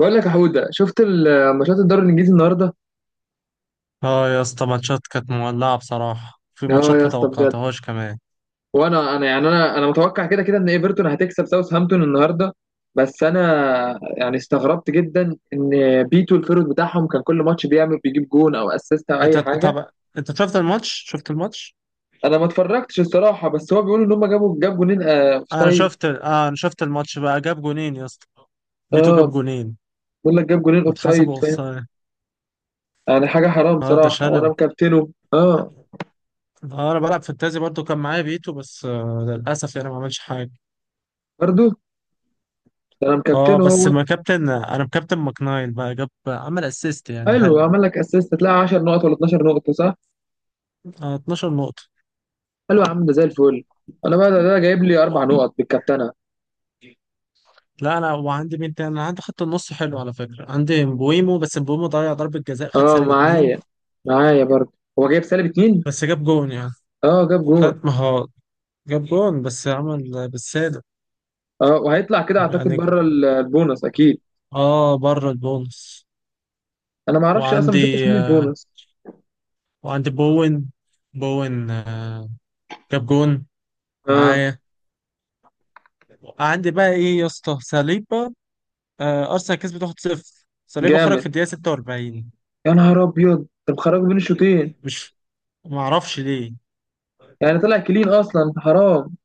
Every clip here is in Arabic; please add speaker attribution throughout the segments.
Speaker 1: بقول لك يا حوده، شفت ماتشات الدوري الانجليزي النهارده.
Speaker 2: اه يا اسطى، ماتشات كانت مولعة بصراحة، في
Speaker 1: اه
Speaker 2: ماتشات
Speaker 1: يا
Speaker 2: ما
Speaker 1: اسطى بجد.
Speaker 2: توقعتهاش كمان.
Speaker 1: وانا يعني انا متوقع كده كده ان ايفرتون هتكسب ساوثهامبتون النهارده. بس انا يعني استغربت جدا ان بيتو الفيرود بتاعهم كان كل ماتش بيعمل، بيجيب جون او اسيست او
Speaker 2: انت
Speaker 1: اي حاجه.
Speaker 2: طب انت شفت الماتش؟
Speaker 1: انا ما اتفرجتش الصراحه، بس هو بيقولوا ان هم جابوا، جاب جونين اوف
Speaker 2: انا
Speaker 1: سايد.
Speaker 2: شفت اه انا شفت الماتش بقى، جاب جونين يا اسطى. بيتو جاب
Speaker 1: اه،
Speaker 2: جونين
Speaker 1: بيقول لك جاب جونين اوف
Speaker 2: واتحسبوا
Speaker 1: سايد فاهم؟
Speaker 2: اوفسايد.
Speaker 1: يعني حاجه حرام
Speaker 2: اه، ده
Speaker 1: صراحه،
Speaker 2: شلل.
Speaker 1: وانا مكابتنه اه.
Speaker 2: اه، انا بلعب فانتازي برضو، كان معايا بيتو بس للاسف يعني ما عملش حاجة.
Speaker 1: برضه، ده انا
Speaker 2: اه
Speaker 1: مكابتنه
Speaker 2: بس
Speaker 1: هو.
Speaker 2: ما كابتن انا مكابتن ماكنايل بقى، عمل اسيست، يعني
Speaker 1: حلو،
Speaker 2: حلو.
Speaker 1: عمل لك اسيست؟ تلاقي 10 نقط ولا 12 نقطه صح؟
Speaker 2: آه، 12 نقطة.
Speaker 1: قال له يا عم ده زي الفل. انا بقى ده جايب لي اربع نقط بالكابتنه.
Speaker 2: لا انا، وعندي مين تاني؟ انا عندي خط النص حلو على فكره، عندي مبويمو بس مبويمو ضيع ضربه جزاء، خد
Speaker 1: اه
Speaker 2: سالب اتنين.
Speaker 1: معايا، معايا برضه. هو جايب سالب اتنين.
Speaker 2: بس جاب جون يعني،
Speaker 1: اه جاب جون.
Speaker 2: خد مهارات، جاب جون بس عمل بالسالب.
Speaker 1: اه، وهيطلع كده اعتقد
Speaker 2: يعني
Speaker 1: بره البونص اكيد.
Speaker 2: اه بره البونص.
Speaker 1: انا ما اعرفش اصلا، ما شفتش
Speaker 2: وعندي
Speaker 1: مين
Speaker 2: آه
Speaker 1: البونص.
Speaker 2: وعندي بوين، بوين جاب جون
Speaker 1: اه
Speaker 2: معايا. عندي بقى ايه يا اسطى؟ ساليبا. آه، ارسنال كسبت 1-0، ساليبا خرج
Speaker 1: جامد،
Speaker 2: في الدقيقه 46.
Speaker 1: يا نهار ابيض. انت مخرجه بين الشوطين؟
Speaker 2: مش معرفش ليه.
Speaker 1: يعني طلع كلين اصلا، حرام.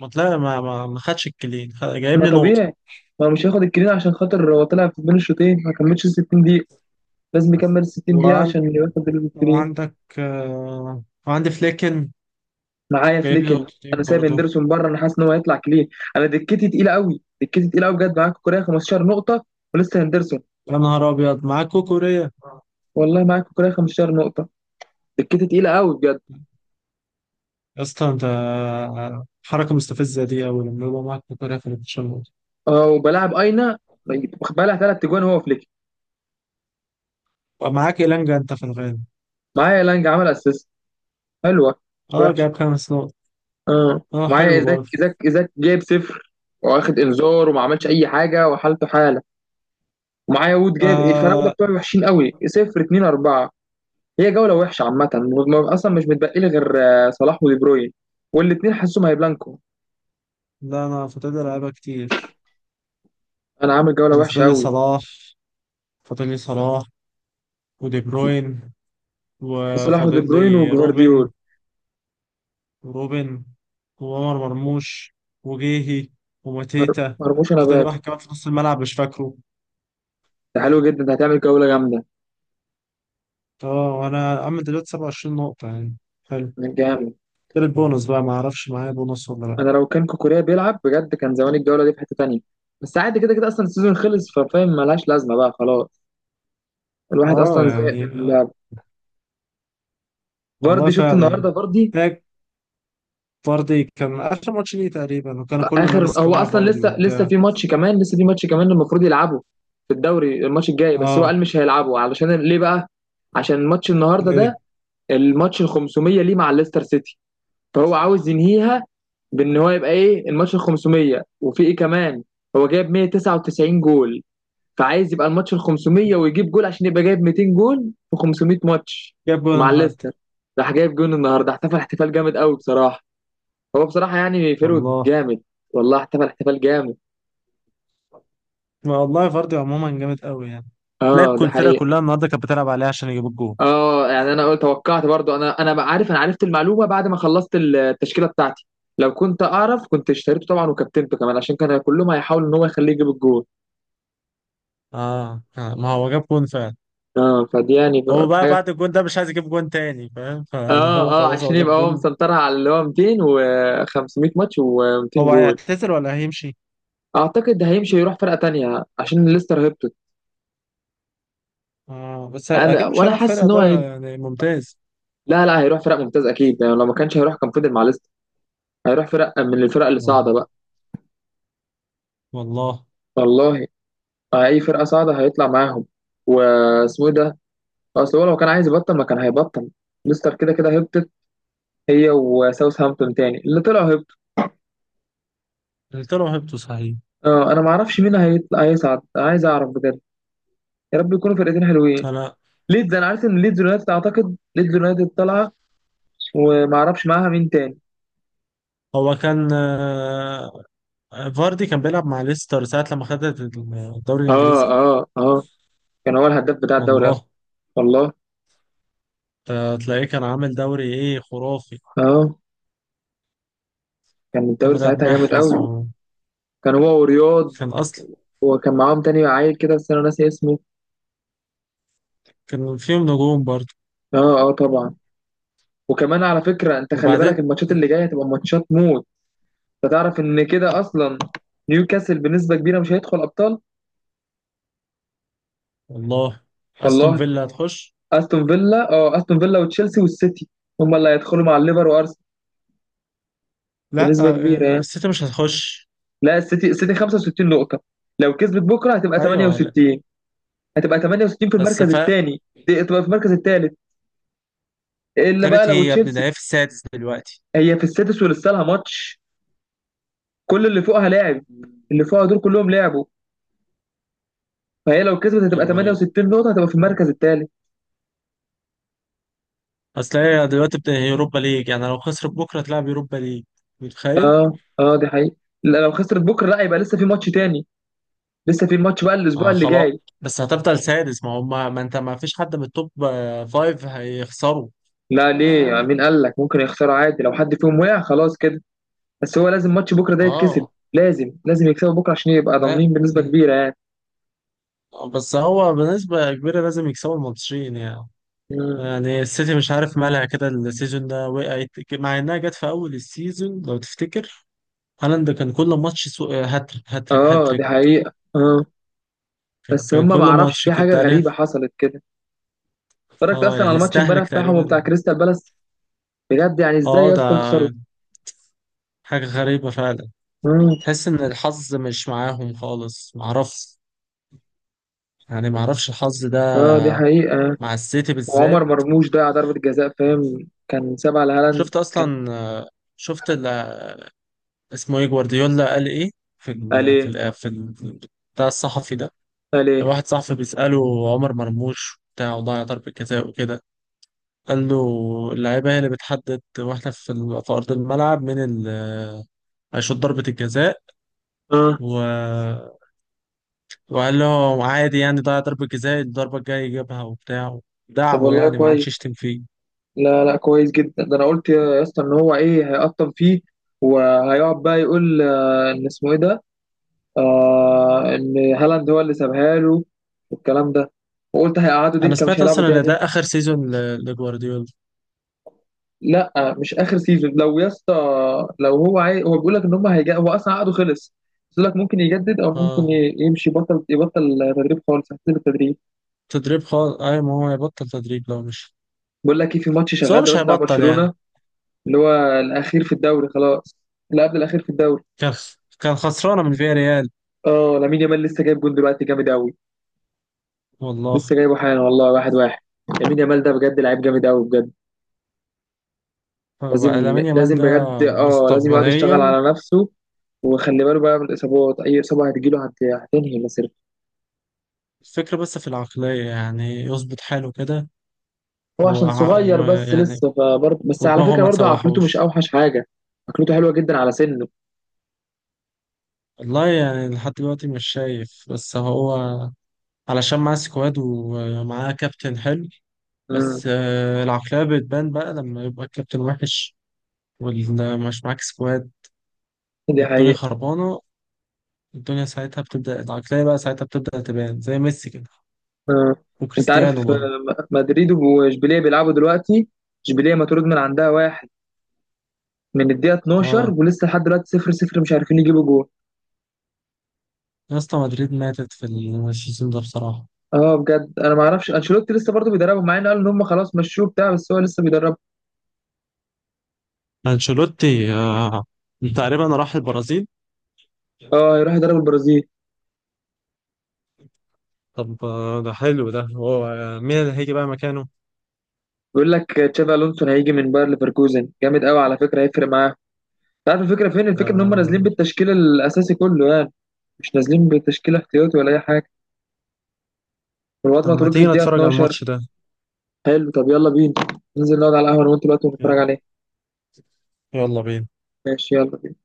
Speaker 2: ما طلع، ما خدش الكلين، جايب
Speaker 1: ما
Speaker 2: لي نقطه.
Speaker 1: طبيعي، ما هو مش هياخد الكلين عشان خاطر هو طلع بين الشوطين، ما كملش ال 60 دقيقه. لازم يكمل ال 60 دقيقه
Speaker 2: وعند...
Speaker 1: عشان ياخد الكلين.
Speaker 2: وعندك وعندي فليكن،
Speaker 1: معايا
Speaker 2: جايب لي
Speaker 1: فليكن.
Speaker 2: نقطتين
Speaker 1: انا سايب
Speaker 2: برضه.
Speaker 1: اندرسون بره، انا حاسس ان هو هيطلع كلين. انا دكتي تقيله قوي، دكتي تقيله قوي بجد. معاك كوكوريا 15 نقطه، ولسه هندرسون.
Speaker 2: يا نهار أبيض، معاك كوكوريا!
Speaker 1: والله معاك كوكوريا 15 نقطه، دكتي تقيله قوي بجد.
Speaker 2: يا اسطى أنت، حركة مستفزة دي أوي لما يبقى معاك كوكوريا في الماتشات.
Speaker 1: اه، وبلاعب اينا بقى ثلاث تجوان هو فليكن.
Speaker 2: ومعاك إيلانجا أنت في الغالب.
Speaker 1: معايا لانج، عمل اسيست حلوه، مش
Speaker 2: أه،
Speaker 1: وحش.
Speaker 2: جايب 5 نقط.
Speaker 1: اه
Speaker 2: أه،
Speaker 1: معايا
Speaker 2: حلو
Speaker 1: ايزاك،
Speaker 2: برضه.
Speaker 1: ايزاك ايزاك جايب صفر، واخد انذار وما عملش اي حاجه، وحالته حاله. ومعايا وود، جايب الفراوده
Speaker 2: آه...
Speaker 1: بتوعي وحشين قوي، صفر 2 4. هي جولة وحشة عامة، أصلا مش متبقي لي غير آه، صلاح ودي بروين، والاتنين حاسهم هيبلانكو.
Speaker 2: لا، أنا فاضل لي لعيبة كتير.
Speaker 1: أنا عامل جولة
Speaker 2: أنا
Speaker 1: وحشة
Speaker 2: فاضل لي
Speaker 1: أوي.
Speaker 2: صلاح فاضل لي صلاح ودي بروين،
Speaker 1: صلاح ودي
Speaker 2: وفاضل
Speaker 1: بروين
Speaker 2: لي
Speaker 1: وجفارديول.
Speaker 2: روبن وروبن وعمر مرموش، وجيهي، وماتيتا.
Speaker 1: مرموش أنا
Speaker 2: فاضل لي
Speaker 1: باتو.
Speaker 2: واحد كمان في نص الملعب مش فاكره.
Speaker 1: ده حلو جدا، ده هتعمل جولة جامدة.
Speaker 2: اه، وانا عم دلوقتي 27 نقطة يعني. حلو.
Speaker 1: من جامد.
Speaker 2: غير البونص بقى، ما اعرفش معايا بونص ولا لا.
Speaker 1: أنا لو كان كوكوريا بيلعب بجد كان زمان الجولة دي في حتة تانية. بس عادي كده كده، أصلا السيزون خلص، ففاهم ملهاش لازمة بقى خلاص. الواحد
Speaker 2: اه
Speaker 1: أصلا زهق
Speaker 2: يعني،
Speaker 1: من اللعب.
Speaker 2: والله
Speaker 1: فاردي، شفت
Speaker 2: فعلا.
Speaker 1: النهاردة فاردي؟
Speaker 2: هيك. فاردي كان اخر ماتش ليه تقريبا، وكان كله
Speaker 1: اخر،
Speaker 2: لابس
Speaker 1: هو
Speaker 2: قناع
Speaker 1: اصلا
Speaker 2: فاردي
Speaker 1: لسه
Speaker 2: وبتاع.
Speaker 1: في ماتش كمان، لسه في ماتش كمان المفروض يلعبه في الدوري، الماتش الجاي. بس هو
Speaker 2: اه،
Speaker 1: قال مش هيلعبه، علشان ليه بقى؟ عشان ماتش النهارده ده،
Speaker 2: ايه،
Speaker 1: الماتش ال 500 ليه مع ليستر سيتي. فهو عاوز ينهيها بان هو يبقى ايه، الماتش ال 500، وفي ايه كمان، هو جايب 199 جول، فعايز يبقى الماتش ال 500 ويجيب جول عشان يبقى جايب 200 جول في 500 ماتش
Speaker 2: جاب جول
Speaker 1: مع ليستر.
Speaker 2: النهارده.
Speaker 1: راح جايب جول النهارده، احتفل احتفال جامد قوي بصراحة. هو بصراحة يعني فيرود
Speaker 2: والله.
Speaker 1: جامد، والله احتفل احتفال جامد.
Speaker 2: ما والله فاردي عموما جامد قوي يعني. تلاقي
Speaker 1: اه
Speaker 2: كل
Speaker 1: دي
Speaker 2: الفرقة
Speaker 1: حقيقة.
Speaker 2: كلها النهارده كانت بتلعب عليه عشان يجيب الجول.
Speaker 1: اه يعني انا قلت، توقعت برضو. انا انا بقى عارف، انا عرفت المعلومة بعد ما خلصت التشكيلة بتاعتي. لو كنت اعرف كنت اشتريته طبعا، وكابتنته كمان، عشان كان كلهم هيحاولوا ان هو يخليه يجيب الجول.
Speaker 2: اه، ما هو جاب جون فعلا.
Speaker 1: اه، فدي يعني
Speaker 2: هو
Speaker 1: بقى
Speaker 2: بقى
Speaker 1: حاجة.
Speaker 2: بعد الجون ده مش عايز يجيب جون تاني فاهم، فاللي
Speaker 1: اه
Speaker 2: هو
Speaker 1: اه،
Speaker 2: خلاص هو
Speaker 1: عشان
Speaker 2: جاب
Speaker 1: يبقى هو
Speaker 2: جون.
Speaker 1: مسنطرها على اللي هو 200 و500 ماتش و200
Speaker 2: هو
Speaker 1: جول.
Speaker 2: هيعتزل ولا هيمشي؟
Speaker 1: اعتقد ده هيمشي يروح فرقة تانية، عشان ليستر هبطت.
Speaker 2: اه، بس
Speaker 1: انا،
Speaker 2: اكيد مش
Speaker 1: وانا
Speaker 2: هيروح
Speaker 1: حاسس
Speaker 2: فرقة
Speaker 1: ان هو
Speaker 2: ادارة يعني ممتاز.
Speaker 1: لا لا، هيروح فرق ممتاز اكيد يعني. لو ما كانش هيروح كان فضل مع، هيروح فرقة من الفرق اللي صاعدة
Speaker 2: والله،
Speaker 1: بقى.
Speaker 2: والله.
Speaker 1: والله، أي فرقة صاعدة هيطلع معاهم. واسمه إيه ده؟ أصل هو لو كان عايز يبطل ما كان هيبطل. ليستر كده كده هبطت، هي وساوثهامبتون، تاني اللي طلعوا هبطوا.
Speaker 2: قلت له هبته صحيح.
Speaker 1: آه، أنا ما أعرفش مين هيطلع، هيصعد، عايز أعرف بجد. يا رب يكونوا فرقتين حلوين.
Speaker 2: انا
Speaker 1: ليدز، أنا عارف إن ليدز يونايتد، أعتقد ليدز يونايتد طالعة. وما أعرفش معاها مين تاني.
Speaker 2: هو كان آه، فاردي كان بيلعب مع ليستر ساعة لما خدت الدوري
Speaker 1: آه
Speaker 2: الانجليزي.
Speaker 1: آه آه، كان هو الهداف بتاع الدوري أصلا.
Speaker 2: والله.
Speaker 1: والله.
Speaker 2: آه، تلاقيه كان عامل دوري ايه خرافي.
Speaker 1: آه، كان
Speaker 2: كان
Speaker 1: الدوري
Speaker 2: رياض
Speaker 1: ساعتها جامد
Speaker 2: محرز،
Speaker 1: قوي.
Speaker 2: وكان
Speaker 1: كان هو ورياض،
Speaker 2: اصلا
Speaker 1: وكان معاهم تاني عيل كده بس أنا ناسي اسمه.
Speaker 2: كان فيهم نجوم برضه.
Speaker 1: اه اه طبعا. وكمان على فكرة انت خلي بالك،
Speaker 2: وبعدين؟
Speaker 1: الماتشات اللي جاية هتبقى ماتشات موت. انت تعرف ان كده اصلا نيوكاسل بنسبة كبيرة مش هيدخل ابطال.
Speaker 2: والله، استون
Speaker 1: والله.
Speaker 2: فيلا هتخش.
Speaker 1: استون فيلا اه، استون فيلا وتشيلسي والسيتي، هم اللي هيدخلوا مع الليفر وارسنال،
Speaker 2: لا،
Speaker 1: بنسبة كبيرة يعني.
Speaker 2: السيتي مش هتخش.
Speaker 1: لا، السيتي، السيتي 65 نقطة، لو كسبت بكرة هتبقى
Speaker 2: ايوه لا،
Speaker 1: 68. هتبقى 68 في
Speaker 2: بس
Speaker 1: المركز
Speaker 2: ف
Speaker 1: الثاني، تبقى في المركز الثالث. الا بقى
Speaker 2: ابتدت
Speaker 1: لو
Speaker 2: هي يا ابني، ده
Speaker 1: تشيلسي.
Speaker 2: هي في السادس دلوقتي.
Speaker 1: هي في السادس، ولسه لها ماتش، كل اللي فوقها لاعب، اللي فوقها دول كلهم لعبوا. فهي لو كسبت هتبقى
Speaker 2: ايوه، ايوه.
Speaker 1: 68 نقطة، هتبقى في المركز الثالث.
Speaker 2: اصل هي دلوقتي هي اوروبا ليج، يعني لو خسرت بكره تلعب اوروبا ليج. متخيل؟
Speaker 1: اه اه دي حقيقة. لا لو خسرت بكرة لا، يبقى لسه في ماتش تاني، لسه في ماتش بقى الأسبوع
Speaker 2: اه،
Speaker 1: اللي
Speaker 2: خلاص.
Speaker 1: جاي.
Speaker 2: بس هتفضل سادس ما هم، ما انت ما فيش حد من التوب فايف هيخسروا.
Speaker 1: لا ليه يعني؟ مين قال لك ممكن يخسروا؟ عادي، لو حد فيهم وقع خلاص كده. بس هو لازم ماتش بكرة ده يتكسب،
Speaker 2: اه،
Speaker 1: لازم لازم يكسبوا بكرة عشان يبقى
Speaker 2: لا
Speaker 1: ضامنين بنسبة
Speaker 2: م-
Speaker 1: كبيرة يعني.
Speaker 2: بس هو بنسبة كبيرة لازم يكسبوا الماتشين يعني.
Speaker 1: مم.
Speaker 2: يعني السيتي مش عارف مالها كده السيزون ده، وقعت مع انها جت في اول السيزون لو تفتكر. هالاند كان كل ماتش هاتريك، هاتريك،
Speaker 1: اه
Speaker 2: هاتريك.
Speaker 1: دي حقيقة. اه، بس
Speaker 2: كان
Speaker 1: هما ما
Speaker 2: كل
Speaker 1: اعرفش،
Speaker 2: ماتش
Speaker 1: في
Speaker 2: كده
Speaker 1: حاجة غريبة
Speaker 2: تعرف.
Speaker 1: حصلت كده. اتفرجت
Speaker 2: اه
Speaker 1: أصلا على
Speaker 2: يعني
Speaker 1: الماتش امبارح
Speaker 2: استهلك
Speaker 1: بتاعهم
Speaker 2: تقريبا.
Speaker 1: وبتاع كريستال بالاس. بجد يعني ازاي
Speaker 2: اه
Speaker 1: يا
Speaker 2: ده
Speaker 1: اسطى يخسروا؟
Speaker 2: حاجة غريبة فعلا.
Speaker 1: مم.
Speaker 2: تحس ان الحظ مش معاهم خالص، معرفش. يعني معرفش الحظ
Speaker 1: اه دي
Speaker 2: ده
Speaker 1: حقيقة.
Speaker 2: مع السيتي بالذات.
Speaker 1: وعمر مرموش ضيع ضربة جزاء فاهم، كان سابها لهالاند.
Speaker 2: شفت
Speaker 1: كان،
Speaker 2: اصلا، شفت ال- اسمه ايه، جوارديولا قال ايه؟ في
Speaker 1: قال
Speaker 2: ال في
Speaker 1: ايه؟
Speaker 2: ال في ال- بتاع الصحفي ده،
Speaker 1: قال ايه؟
Speaker 2: واحد صاحبي بيسأله عمر مرموش بتاع وضيع ضربة جزاء وكده، قال له اللعيبة هي اللي بتحدد، واحنا في أرض الملعب من ال هيشوط ضربة الجزاء.
Speaker 1: اه
Speaker 2: و... وقال له عادي يعني، ضيع ضربة جزاء، الضربة الجاية يجيبها وبتاع.
Speaker 1: طب
Speaker 2: دعمه
Speaker 1: والله
Speaker 2: يعني ما عادش
Speaker 1: كويس.
Speaker 2: يشتم فيه.
Speaker 1: لا لا كويس جدا، ده انا قلت يا اسطى ان هو ايه، هيقطم فيه. وهيقعد بقى يقول آه، ان اسمه ايه ده، آه ان هالاند هو اللي سابها له، والكلام ده. وقلت هيقعدوا
Speaker 2: أنا
Speaker 1: دكه مش
Speaker 2: سمعت
Speaker 1: هيلعبوا
Speaker 2: أصلا إن ده
Speaker 1: تاني.
Speaker 2: آخر سيزون لجوارديولا.
Speaker 1: لا مش اخر سيزون لو يا اسطى. لو هو هو بيقول لك ان هم هيجي، هو اصلا عقده خلص. بيقول لك ممكن يجدد، او ممكن
Speaker 2: آه.
Speaker 1: يمشي، بطل، يبطل تدريب خالص، هيسيب التدريب.
Speaker 2: تدريب خالص، أي ما هو هيبطل تدريب لو مش،
Speaker 1: بقول لك ايه، في ماتش
Speaker 2: بس هو
Speaker 1: شغال
Speaker 2: مش
Speaker 1: دلوقتي بتاع
Speaker 2: هيبطل يعني.
Speaker 1: برشلونة، اللي هو الاخير في الدوري خلاص، اللي قبل الاخير في الدوري.
Speaker 2: كان كان خسرانة من فياريال.
Speaker 1: اه، لامين يامال لسه جايب جون دلوقتي، جامد قوي.
Speaker 2: والله.
Speaker 1: لسه جايبه حالا والله، واحد واحد. لامين يامال ده بجد لعيب جامد قوي بجد.
Speaker 2: فبقى
Speaker 1: لازم
Speaker 2: لامين يامال
Speaker 1: لازم
Speaker 2: ده
Speaker 1: بجد اه، لازم يقعد يشتغل
Speaker 2: مستقبليا.
Speaker 1: على نفسه، وخلي باله بقى من الاصابات، اي اصابه هتجيله هتنهي مسيرته.
Speaker 2: الفكرة بس في العقلية، يعني يظبط حاله كده.
Speaker 1: هو عشان
Speaker 2: وع-
Speaker 1: صغير
Speaker 2: وما-
Speaker 1: بس
Speaker 2: يعني
Speaker 1: لسه، فبرضه بس على
Speaker 2: ودماغه
Speaker 1: فكره
Speaker 2: ما
Speaker 1: برضه عقلته مش
Speaker 2: تسوحوش.
Speaker 1: اوحش حاجه. عقلته حلوه جدا على سنه.
Speaker 2: والله يعني لحد دلوقتي مش شايف، بس هو علشان معاه سكواد ومعاه كابتن حلو.
Speaker 1: امم،
Speaker 2: بس العقلية بتبان بقى لما يبقى الكابتن وحش، ومش معاك سكواد،
Speaker 1: دي
Speaker 2: والدنيا
Speaker 1: حقيقة.
Speaker 2: خربانة. الدنيا ساعتها بتبدأ العقلية بقى، ساعتها بتبدأ تبان زي ميسي كده،
Speaker 1: آه، انت
Speaker 2: وكريستيانو
Speaker 1: عارف
Speaker 2: برضه.
Speaker 1: آه، مدريد واشبيليه بيلعبوا دلوقتي. اشبيليه مطرود من عندها واحد من الدقيقه 12، ولسه لحد دلوقتي 0 0، مش عارفين يجيبوا جول.
Speaker 2: يا اسطى، مدريد ماتت في السيزون ده بصراحة.
Speaker 1: اه بجد. انا ما اعرفش انشيلوتي لسه برضه بيدربهم؟ مع ان قالوا ان هم خلاص مشوه بتاع، بس هو لسه بيدربهم.
Speaker 2: أنشيلوتي تقريبا راح البرازيل.
Speaker 1: اه، هيروح يدرب البرازيل.
Speaker 2: طب، ده حلو، ده هو، مين اللي هيجي بقى مكانه؟
Speaker 1: بيقول لك تشافي الونسو هيجي من باير ليفركوزن، جامد قوي على فكره، هيفرق معاهم. انت عارف الفكره فين؟ الفكره ان هم نازلين
Speaker 2: آه.
Speaker 1: بالتشكيل الاساسي كله يعني، مش نازلين بتشكيل احتياطي ولا اي حاجه. الواد
Speaker 2: طب ما
Speaker 1: مطرود في
Speaker 2: تيجي
Speaker 1: الدقيقه
Speaker 2: نتفرج على
Speaker 1: 12.
Speaker 2: الماتش ده.
Speaker 1: حلو، طب يلا بينا، ننزل نقعد على القهوه انا وانت دلوقتي ونتفرج عليه.
Speaker 2: يلا بينا.
Speaker 1: ماشي، يلا بينا.